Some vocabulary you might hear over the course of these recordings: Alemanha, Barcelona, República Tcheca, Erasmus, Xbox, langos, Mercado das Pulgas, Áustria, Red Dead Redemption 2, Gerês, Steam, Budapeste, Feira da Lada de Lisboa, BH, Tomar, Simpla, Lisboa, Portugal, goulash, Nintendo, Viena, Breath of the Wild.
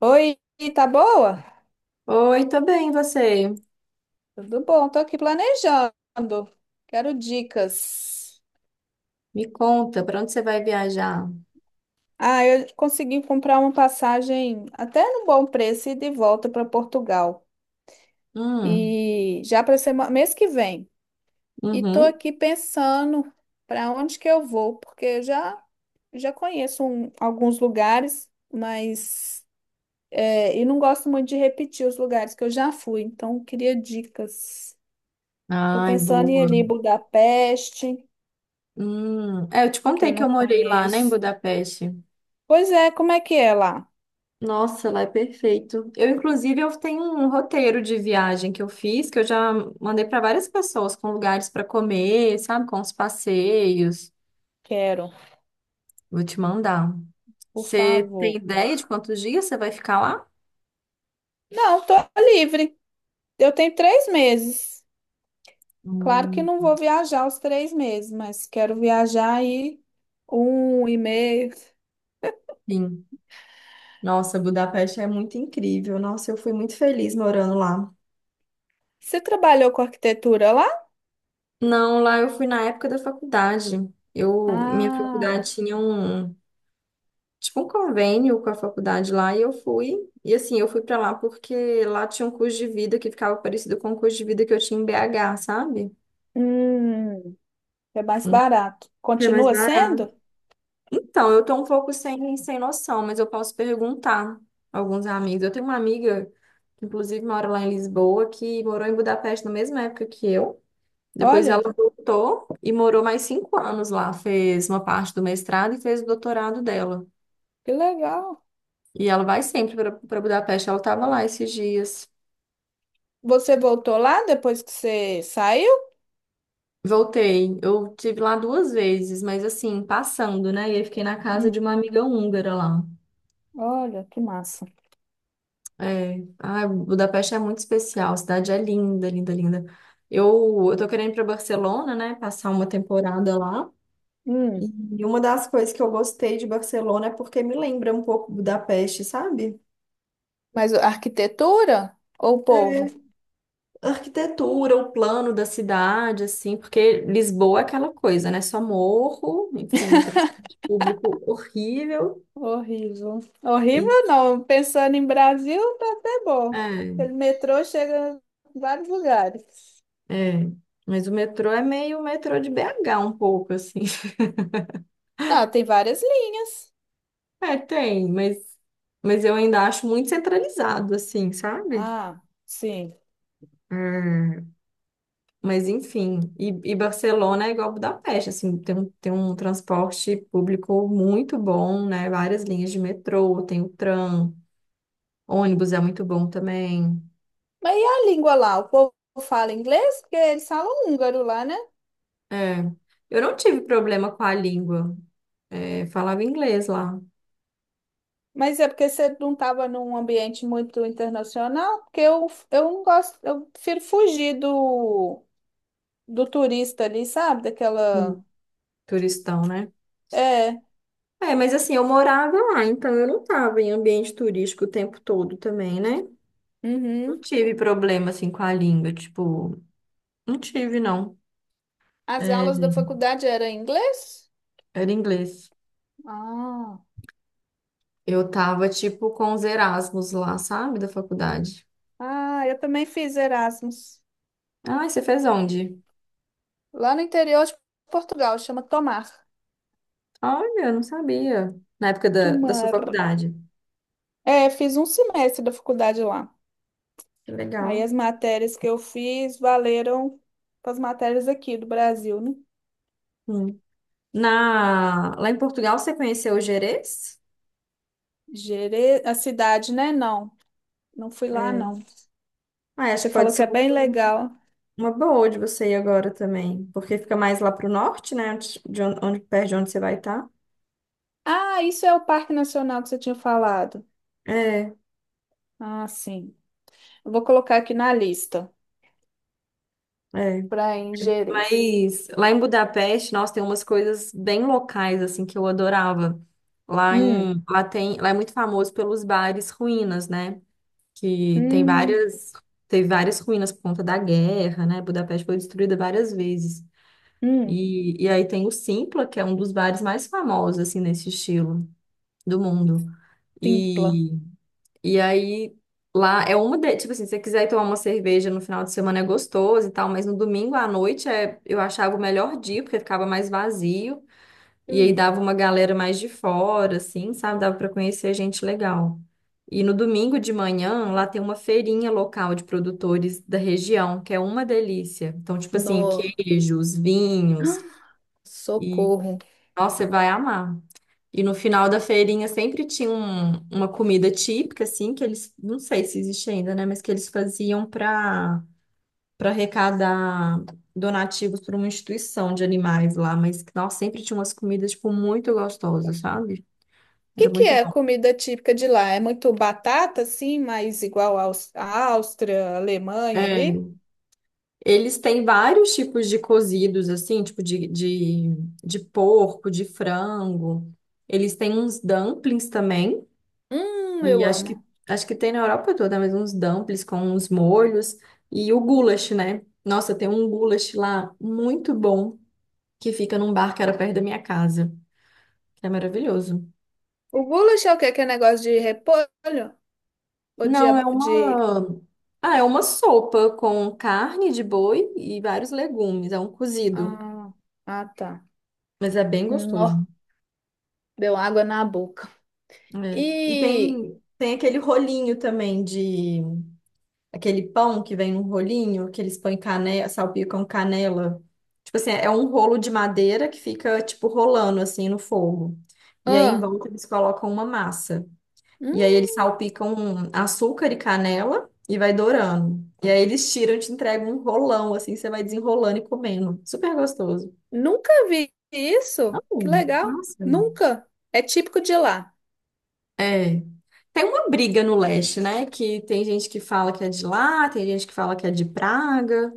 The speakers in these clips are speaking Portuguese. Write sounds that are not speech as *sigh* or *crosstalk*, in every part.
Oi, tá boa? Oi, tô bem, e você? Tudo bom, tô aqui planejando. Quero dicas. Me conta, pra onde você vai viajar? Ah, eu consegui comprar uma passagem até no bom preço e de volta para Portugal. Hum, E já para semana, mês que vem. E tô uhum. aqui pensando para onde que eu vou, porque eu já conheço alguns lugares, mas e não gosto muito de repetir os lugares que eu já fui, então eu queria dicas. Tô Ai, pensando em ir boa. ali em Budapeste Hum. É, eu te que contei eu que não eu morei lá, né, em conheço. Budapeste. Pois é, como é que é lá? Nossa, lá é perfeito. Eu, inclusive, eu tenho um roteiro de viagem que eu fiz, que eu já mandei pra várias pessoas com lugares pra comer, sabe, com os passeios. Quero, Vou te mandar. por Você tem favor. ideia de quantos dias você vai ficar lá? Não, tô livre. Eu tenho 3 meses. Claro que Hum, não vou viajar os 3 meses, mas quero viajar aí um e meio. sim. Nossa, Budapeste é muito incrível. Nossa, eu fui muito feliz morando lá. Você trabalhou com arquitetura lá? Não, lá eu fui na época da faculdade. Eu, minha Ah, faculdade tinha um, tipo um convênio com a faculdade lá e eu fui. E assim, eu fui pra lá porque lá tinha um curso de vida que ficava parecido com o curso de vida que eu tinha em BH, sabe? hum, é mais Hum. barato. Que é mais Continua barato. sendo? Então, eu tô um pouco sem noção, mas eu posso perguntar a alguns amigos. Eu tenho uma amiga que, inclusive, mora lá em Lisboa, que morou em Budapeste na mesma época que eu. Depois ela Olha, voltou e morou mais 5 anos lá. Fez uma parte do mestrado e fez o doutorado dela. que legal. E ela vai sempre para Budapeste. Ela estava lá esses dias. Você voltou lá depois que você saiu? Voltei. Eu tive lá duas vezes, mas assim, passando, né? E aí fiquei na casa Hum, de uma amiga húngara lá. olha, que massa. É. Ai, Budapeste é muito especial. A cidade é linda, linda, linda. Eu tô querendo ir para Barcelona, né? Passar uma temporada lá. Hum. E uma das coisas que eu gostei de Barcelona é porque me lembra um pouco Budapeste, sabe? Mas a arquitetura ou o povo? É, a arquitetura, o plano da cidade, assim, porque Lisboa é aquela coisa, né? Só morro, enfim, transporte público horrível. Horrível. E, Horrível não. Pensando em Brasil, tá até bom. é, Pelo metrô chega em vários lugares. é. Mas o metrô é meio o metrô de BH um pouco, assim. *laughs* Ah, tem várias linhas. É, tem, mas eu ainda acho muito centralizado, assim, sabe? Ah, sim. É, mas enfim, e Barcelona é igual Budapeste, assim, tem um transporte público muito bom, né? Várias linhas de metrô, tem o tram, ônibus é muito bom também. Mas e a língua lá? O povo fala inglês? Porque eles falam húngaro lá, né? É. Eu não tive problema com a língua. É, falava inglês lá. Mas é porque você não estava num ambiente muito internacional, porque eu não gosto, eu prefiro fugir do turista ali, sabe? Daquela. Hum. Turistão, né? É. É, mas assim, eu morava lá, então eu não tava em ambiente turístico o tempo todo também, né? Não Uhum. tive problema, assim, com a língua, tipo, não tive, não. As É, aulas da faculdade eram em inglês? era inglês. Ah, Eu tava, tipo, com os Erasmus lá, sabe, da faculdade. ah, eu também fiz Erasmus. Ah, você fez onde? Lá no interior de Portugal, chama Tomar. Olha, eu não sabia. Na época da sua Tomar. faculdade. É, fiz um semestre da faculdade lá. Que Aí legal. as matérias que eu fiz valeram para as matérias aqui do Brasil, né? Hum. Lá em Portugal, você conheceu o Gerês? Gere... A cidade, né? Não, não fui lá, É. não. Ah, acho Você que pode falou ser que é uma bem legal. uma boa de você ir agora também, porque fica mais lá pro norte, né? Onde, de onde, onde- perto de onde você vai estar. Ah, isso é o Parque Nacional que você tinha falado. É, Ah, sim. Eu vou colocar aqui na lista é. para em Gerês. Mas lá em Budapeste, nossa, tem umas coisas bem locais, assim, que eu adorava. Lá em, lá tem, lá é muito famoso pelos bares ruínas, né? Que tem Hum, várias, teve várias ruínas por conta da guerra, né? Budapeste foi destruída várias vezes. hum. E aí tem o Simpla, que é um dos bares mais famosos, assim, nesse estilo do mundo. Simpla. E, e aí lá é uma de, tipo assim, se você quiser ir tomar uma cerveja no final de semana é gostoso e tal, mas no domingo à noite é, eu achava o melhor dia, porque ficava mais vazio. E aí Hum, dava uma galera mais de fora, assim, sabe? Dava para conhecer gente legal. E no domingo de manhã, lá tem uma feirinha local de produtores da região, que é uma delícia. Então, tipo assim, no, queijos, vinhos. socorro. O Nossa, você vai amar. E no final da feirinha sempre tinha uma comida típica, assim, que eles, não sei se existe ainda, né, mas que eles faziam para arrecadar donativos para uma instituição de animais lá, mas que, nossa, sempre tinha umas comidas, tipo, muito gostosas, sabe? que Era que muito é a bom. comida típica de lá? É muito batata, assim, mas igual à Áustria, Alemanha ali? É. Eles têm vários tipos de cozidos, assim, tipo de porco, de frango. Eles têm uns dumplings também. E Eu acho que, amo. acho que tem na Europa toda, mas uns dumplings com uns molhos e o goulash, né? Nossa, tem um goulash lá muito bom que fica num bar que era perto da minha casa, que é maravilhoso. O goulash é o quê? Que é negócio de repolho? Ou de... Não, é ab- de... uma. Ah, é uma sopa com carne de boi e vários legumes, é um cozido, Ah, ah, tá. mas é bem gostoso. Nó, deu água na boca. É. E E... tem aquele rolinho também de aquele pão que vem num rolinho, que eles põem canela, salpicam canela. Tipo assim, é um rolo de madeira que fica, tipo, rolando assim no fogo. E aí em Ah, volta eles colocam uma massa. E aí hum, eles salpicam um açúcar e canela e vai dourando. E aí eles tiram e te entregam um rolão, assim, você vai desenrolando e comendo. Super gostoso. nunca vi isso. Que legal. Nossa. Nunca. É típico de lá. É. Tem uma briga no leste, né? Que tem gente que fala que é de lá, tem gente que fala que é de Praga.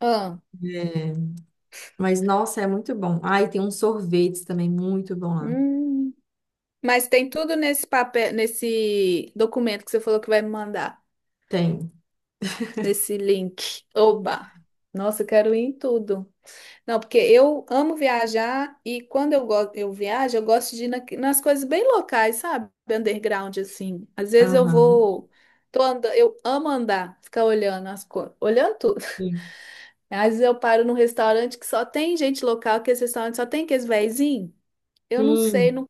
Ah, É. Mas, nossa, é muito bom. Ah, e tem uns sorvetes também muito bom lá. hum. Mas tem tudo nesse papel, nesse documento que você falou que vai me mandar, Tem. nesse link. Oba! Nossa, eu quero ir em tudo. Não, porque eu amo viajar e quando eu viajo, eu gosto de ir nas coisas bem locais, sabe? Underground, assim. Às vezes eu Aham. vou. Tô andando, eu amo andar, ficar olhando as coisas, olhando tudo. *laughs* Sim. Às vezes eu paro num restaurante que só tem gente local, que esse restaurante só tem aqueles vezinhos. Eu não sei, Sim. não,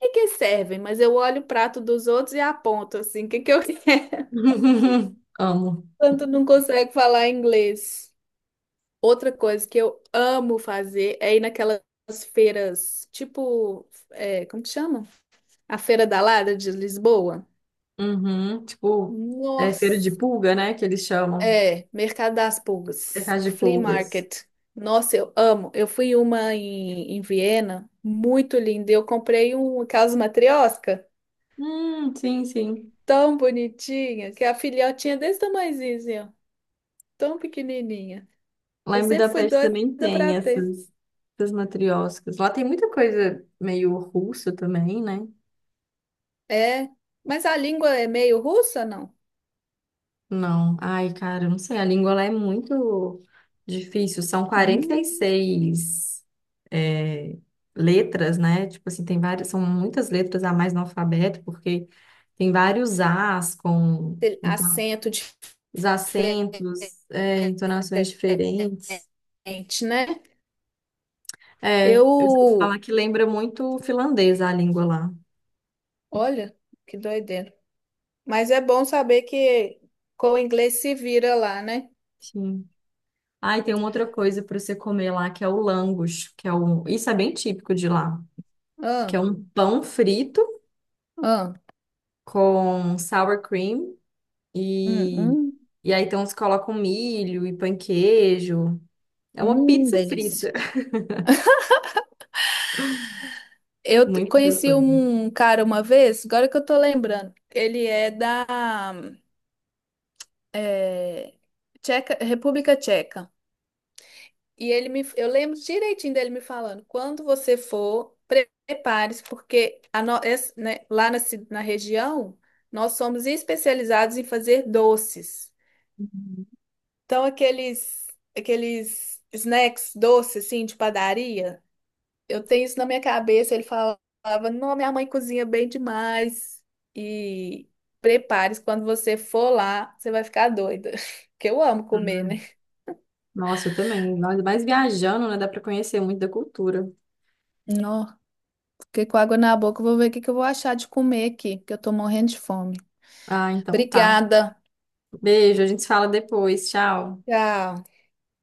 e que servem, mas eu olho o prato dos outros e aponto assim, o que que eu quero? *laughs* *laughs* Amo. Tanto não consegue falar inglês. Outra coisa que eu amo fazer é ir naquelas feiras, tipo, é, como que chama? A Feira da Lada de Lisboa. Uhum. Tipo, é feira de Nossa, pulga, né? Que eles chamam. é, Mercado das Pulgas, Mercado de Flea pulgas. Market. Nossa, eu amo. Eu fui uma em Viena, muito linda. Eu comprei um caso matrioska Sim, sim. tão bonitinha, que a filhotinha é desse tamanhozinho, assim, ó. Tão pequenininha. Lá Eu em sempre fui Budapeste doida também para tem ter. essas matrioscas. Lá tem muita coisa meio russa também, né? É, mas a língua é meio russa, não? Não. Ai, cara, eu não sei. A língua lá é muito difícil. São Hum, 46 é, letras, né? Tipo assim, tem várias, são muitas letras a mais no alfabeto, porque tem vários As com tem acento os acentos, entonações diferentes. diferente, né? É, eu vou Eu, falar que lembra muito o finlandês a língua lá. olha, que doideira. Mas é bom saber que com o inglês se vira lá, né? Sim. Ah, e tem uma outra coisa para você comer lá, que é o langos, que é isso é bem típico de lá, que Ah, é um pão frito ah, com sour cream hum, e, hum, e aí então se coloca um milho e pão queijo. É uma pizza delícia. frita. *laughs* Eu t- Muito conheci gostoso. um cara uma vez, agora que eu tô lembrando. Ele é da é, Tcheca, República Tcheca. E eu lembro direitinho dele me falando, quando você for, prepare-se, porque a no- es- né, lá na, ci- na região, nós somos especializados em fazer doces. Então, aqueles snacks doces, assim, de padaria, eu tenho isso na minha cabeça. Ele falava, não, minha mãe cozinha bem demais. E prepare-se, quando você for lá, você vai ficar doida. *laughs* Porque eu amo comer, Hum. né? Nossa, eu também. Nós mais viajando, né? Dá pra conhecer muito da cultura. Nó. Fiquei com água na boca. Vou ver o que que eu vou achar de comer aqui, que eu tô morrendo de fome. Ah, então tá. Obrigada. Beijo, a gente se fala depois. Tchau. Tchau.